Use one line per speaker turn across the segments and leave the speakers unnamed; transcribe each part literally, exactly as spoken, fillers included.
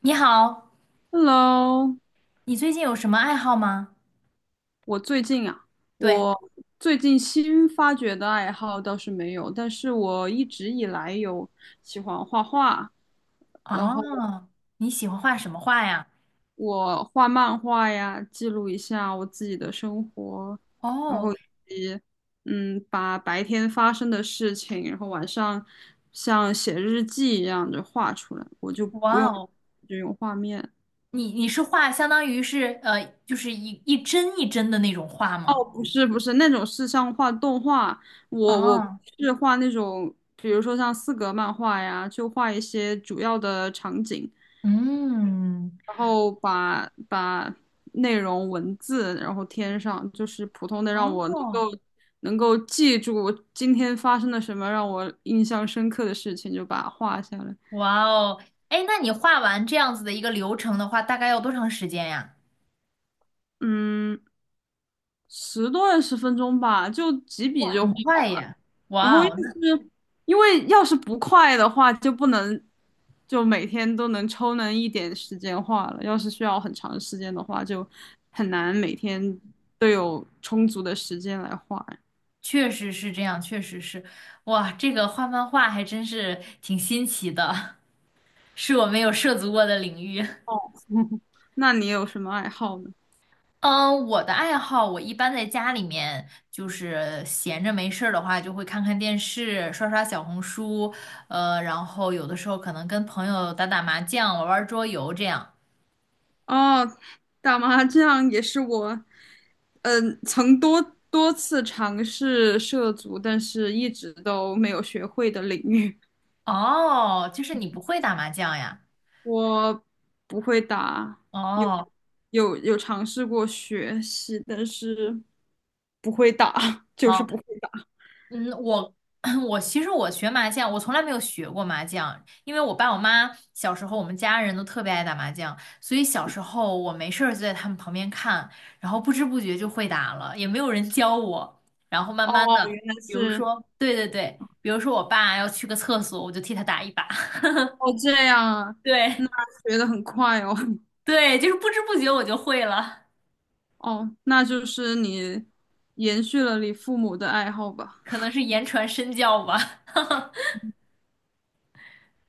你好，
Hello，
你最近有什么爱好吗？
我最近啊，
对。
我最近新发掘的爱好倒是没有，但是我一直以来有喜欢画画，然后
哦，你喜欢画什么画呀？
我画漫画呀，记录一下我自己的生活，然
哦。
后以及嗯，把白天发生的事情，然后晚上像写日记一样的画出来，我就不
哇
用
哦，
就用画面。
你你是画相当于是呃，就是一一帧一帧的那种画吗？
不是不是那种是像画动画，我我
啊。
是画那种，比如说像四格漫画呀，就画一些主要的场景，
嗯。
然后把把内容文字然后添上，就是普通的让我能
哦。
够能够记住今天发生了什么让我印象深刻的事情，就把它画下来。
哇哦，哎，那你画完这样子的一个流程的话，大概要多长时间呀？
嗯，十多二十分钟吧，就几
哇，
笔就
很
画
快耶！
然
哇
后要是
哦，那
因为要是不快的话，就不能就每天都能抽能一点时间画了。要是需要很长时间的话，就很难每天都有充足的时间来画。
确实是这样，确实是。哇，这个画漫画还真是挺新奇的，是我没有涉足过的领域。
哦，那你有什么爱好呢？
嗯，我的爱好，我一般在家里面就是闲着没事儿的话，就会看看电视，刷刷小红书，呃，然后有的时候可能跟朋友打打麻将，玩玩桌游这样。
哦，打麻将也是我，嗯，曾多多次尝试涉足，但是一直都没有学会的领域。
哦，就是你不会打麻将呀？
我不会打，有
哦。
有有尝试过学习，但是不会打，就是
好。
不会打。
嗯，我 我其实我学麻将，我从来没有学过麻将，因为我爸我妈小时候我们家人都特别爱打麻将，所以小时候我没事儿就在他们旁边看，然后不知不觉就会打了，也没有人教我，然后慢慢
哦，
的，
原来
比如
是
说，对对对，比如说我爸要去个厕所，我就替他打一把，
哦这样啊，
对
那学的很快哦。
对，就是不知不觉我就会了，
哦，那就是你延续了你父母的爱好吧，
可能是言传身教吧。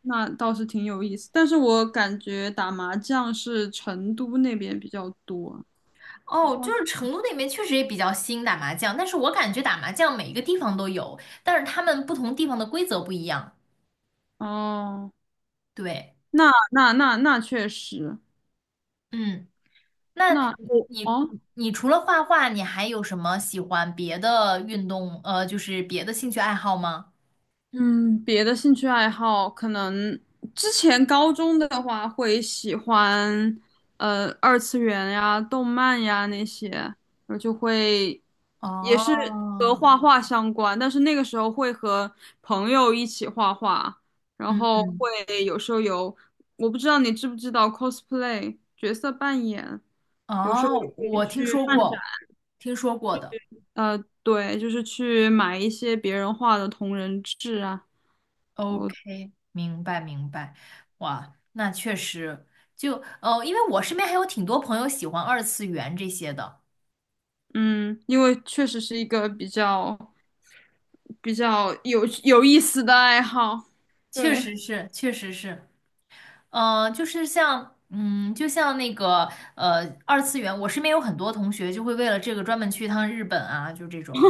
那倒是挺有意思。但是我感觉打麻将是成都那边比较多，四
哦，就
川
是成都那边确实也比较兴打麻将，但是我感觉打麻将每一个地方都有，但是他们不同地方的规则不一样。
哦，
对。
那那那那确实，
嗯，那
那我
你
哦。哦
你除了画画，你还有什么喜欢别的运动？呃，就是别的兴趣爱好吗？
嗯，别的兴趣爱好可能之前高中的话会喜欢，呃，二次元呀、动漫呀那些，我就会也是和
哦。
画画相关，但是那个时候会和朋友一起画画，然后
嗯。
会有时候有，我不知道你知不知道 cosplay 角色扮演，有时候也
哦，
会
我听
去
说
漫展，
过，听说过的。
呃，对，就是去买一些别人画的同人志啊。我。
OK，明白明白。哇，那确实，就呃，因为我身边还有挺多朋友喜欢二次元这些的。
嗯，因为确实是一个比较比较有有意思的爱好。
确
对，
实是，确实是。嗯，就是像，嗯，就像那个，呃，二次元，我身边有很多同学就会为了这个专门去一趟日本啊，就这种。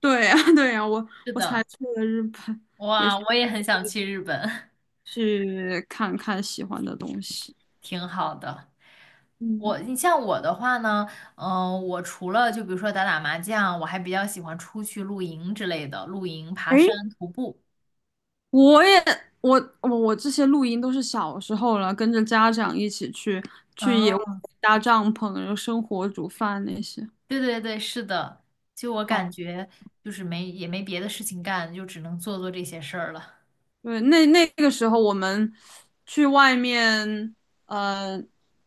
对呀，对呀，我
是
我才
的。
去了日本，也
哇，
是
我也很想去日本。
去看看喜欢的东西。
挺好的。
嗯，
我，你像我的话呢，嗯、我除了就比如说打打麻将，我还比较喜欢出去露营之类的，露营、爬山、
诶，
徒步。
我也我我我这些录音都是小时候了，跟着家长一起去去野外
啊，
搭帐篷，然后生火煮饭那些。
对对对，是的，就我
好。
感觉就是没也没别的事情干，就只能做做这些事儿了。
对，那那个时候我们去外面，呃，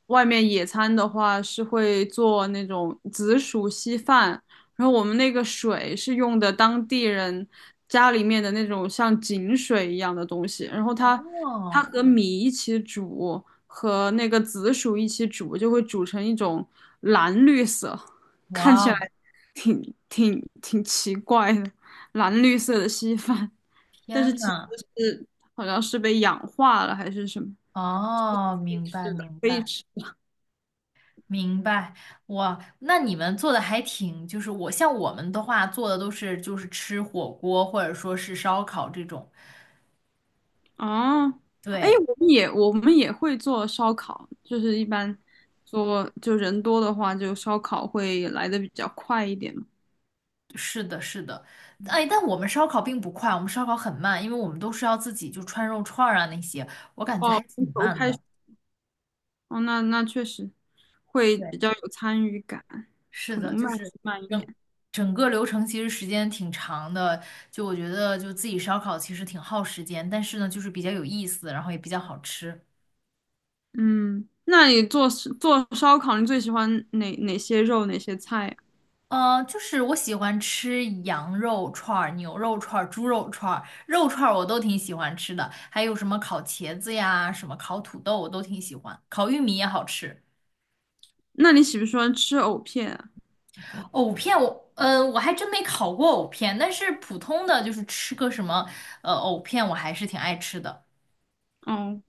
外面野餐的话是会做那种紫薯稀饭，然后我们那个水是用的当地人家里面的那种像井水一样的东西，然后它它
哦。
和米一起煮，和那个紫薯一起煮，就会煮成一种蓝绿色，看
哇
起来
哦，
挺挺挺奇怪的蓝绿色的稀饭。但是
天
其实
呐！
是好像是被氧化了还是什么，
哦，
可以
明白
吃的，
明
可以
白
吃。
明白，哇，那你们做的还挺，就是我像我们的话做的都是就是吃火锅或者说是烧烤这种。
哦，哎，
对，
我们也我们也会做烧烤，就是一般做就人多的话，就烧烤会来的比较快一点嘛。
是的是的，哎，但我们烧烤并不快，我们烧烤很慢，因为我们都是要自己就串肉串儿啊那些，我感觉还
哦，从
挺
头
慢
开
的。
始，哦，那那确实会比
对
较有参与感，
是
可
的，
能
就
慢
是
是慢一
整
点。
整个流程其实时间挺长的，就我觉得就自己烧烤其实挺耗时间，但是呢就是比较有意思，然后也比较好吃。
嗯，那你做做烧烤，你最喜欢哪哪些肉哪些菜啊？
呃，就是我喜欢吃羊肉串儿、牛肉串儿、猪肉串儿、肉串儿我都挺喜欢吃的，还有什么烤茄子呀、什么烤土豆我都挺喜欢，烤玉米也好吃。
那你喜不喜欢吃藕片啊？
藕片我，嗯我还真没烤过藕片，但是普通的就是吃个什么，呃，藕片我还是挺爱吃的。
哦。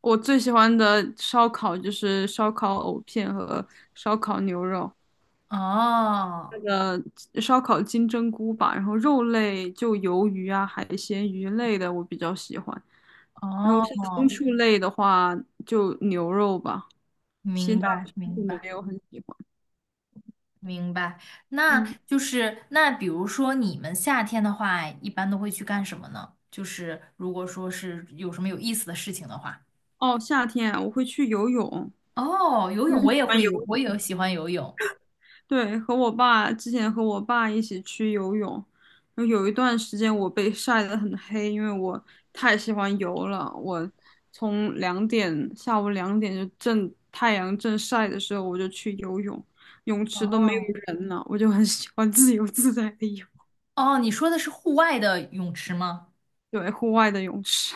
我最喜欢的烧烤就是烧烤藕片和烧烤牛肉，
哦。
那个烧烤金针菇吧，然后肉类就鱿鱼啊、海鲜、鱼类的我比较喜欢，然后像牲
哦，
畜类的话就牛肉吧，其
明
他
白，
的就
明
没
白，
有很喜欢。
明白。那
嗯，
就是那，比如说你们夏天的话，一般都会去干什么呢？就是如果说是有什么有意思的事情的话，
哦，夏天啊我会去游泳，
哦，游
嗯，
泳我
喜
也
欢
会，
游
我也喜欢游泳。
对，和我爸之前和我爸一起去游泳，然后有一段时间我被晒得很黑，因为我太喜欢游了。我从两点下午两点就正太阳正晒的时候，我就去游泳，泳池都没
哦
有人了，我就很喜欢自由自在的游，
哦，你说的是户外的泳池吗？
对，户外的泳池。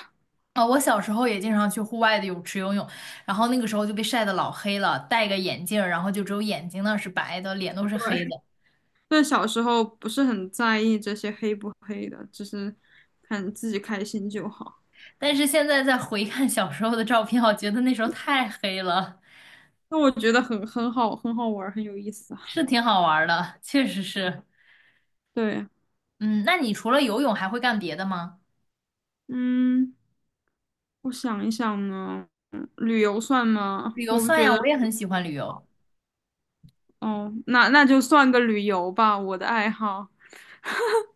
哦，我小时候也经常去户外的泳池游泳，然后那个时候就被晒得老黑了，戴个眼镜儿，然后就只有眼睛那是白的，脸都是黑的。
对，但小时候不是很在意这些黑不黑的，只是看自己开心就好。
但是现在再回看小时候的照片，我觉得那时候太黑了。
那我觉得很很好，很好玩儿，很有意思
是
啊。
挺好玩儿的，确实是。
对。
嗯，那你除了游泳还会干别的吗？
嗯，我想一想呢，嗯旅游算吗？
旅游
我不
算
觉
呀，
得，
我也很喜欢旅游。
哦，那那就算个旅游吧，我的爱好。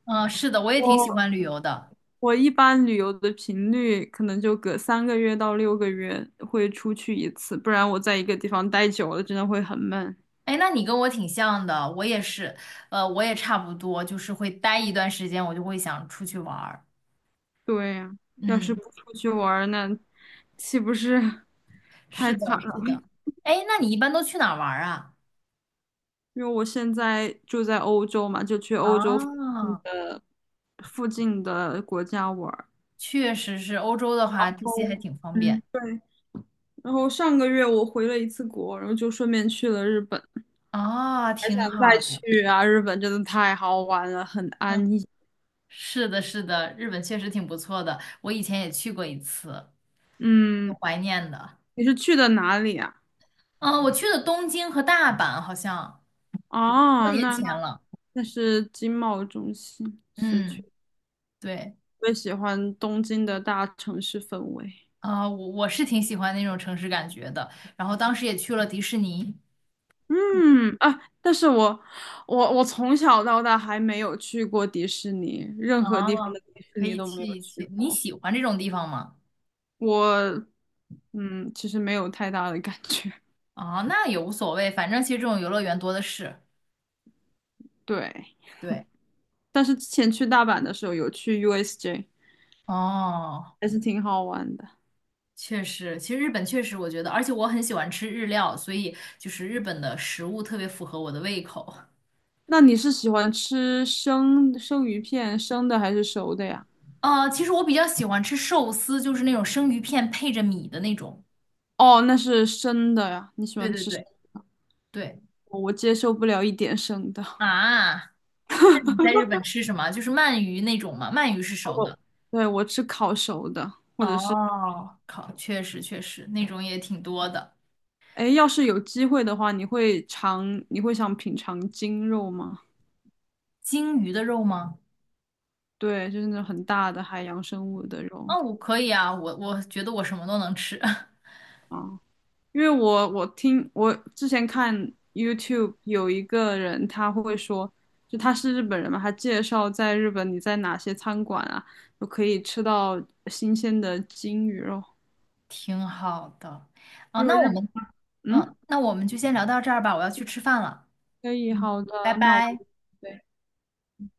嗯，是的，我也挺喜
我
欢旅游的。
我一般旅游的频率可能就隔三个月到六个月会出去一次，不然我在一个地方待久了真的会很闷。
哎，那你跟我挺像的，我也是，呃，我也差不多，就是会待一段时间，我就会想出去玩儿。
对呀，要是
嗯，
不出去玩儿，那岂不是 太
是的，
惨了？
是的。哎，那你一般都去哪儿玩儿啊？
因为我现在住在欧洲嘛，就去欧洲附近
啊，
的附近的国家玩。
确实是，欧洲的
哦，
话，这些还挺方
嗯，
便。
对，然后上个月我回了一次国，然后就顺便去了日本，
啊，
还
挺
想再
好的。
去啊！日本真的太好玩了，很
嗯
安逸。
是的，是的，日本确实挺不错的，我以前也去过一次，挺
嗯，
怀念的。
你是去的哪里啊？
嗯，我去的东京和大阪，好像多
哦，
年
那那
前了。
那是经贸中心，是去。
嗯，对。
最喜欢东京的大城市氛围。
啊，我我是挺喜欢那种城市感觉的，然后当时也去了迪士尼。
嗯啊，但是我我我从小到大还没有去过迪士尼，任何地方
啊，
的迪士
可
尼
以
都没
去
有
一
去
去，你
过。
喜欢这种地方吗？
我嗯，其实没有太大的感觉。
啊，那也无所谓，反正其实这种游乐园多的是。
对，
对。
但是之前去大阪的时候有去 U S J，
哦，
还是挺好玩的。
确实，其实日本确实，我觉得，而且我很喜欢吃日料，所以就是日本的食物特别符合我的胃口。
那你是喜欢吃生生鱼片，生的还是熟的呀？
呃，其实我比较喜欢吃寿司，就是那种生鱼片配着米的那种。
哦，那是生的呀，你喜
对
欢
对
吃生
对对
的，我接受不了一点生的。
啊，那你在日本吃什么？就是鳗鱼那种吗？鳗鱼是熟的。
对，我吃烤熟的，或者是，
哦，靠，确实确实，那种也挺多的。
哎，要是有机会的话，你会尝，你会想品尝鲸肉吗？
鲸鱼的肉吗？
对，就是那种很大的海洋生物的肉
啊，我可以啊，我我觉得我什么都能吃，
啊。因为我我听我之前看 YouTube 有一个人他会说，就他是日本人嘛，他介绍在日本你在哪些餐馆啊，就可以吃到新鲜的金鱼肉，
挺好的。啊，
因为
那
日
我们
嗯
嗯，那我们就先聊到这儿吧，我要去吃饭了。
可以
嗯，
好
拜
的，那我
拜。
对。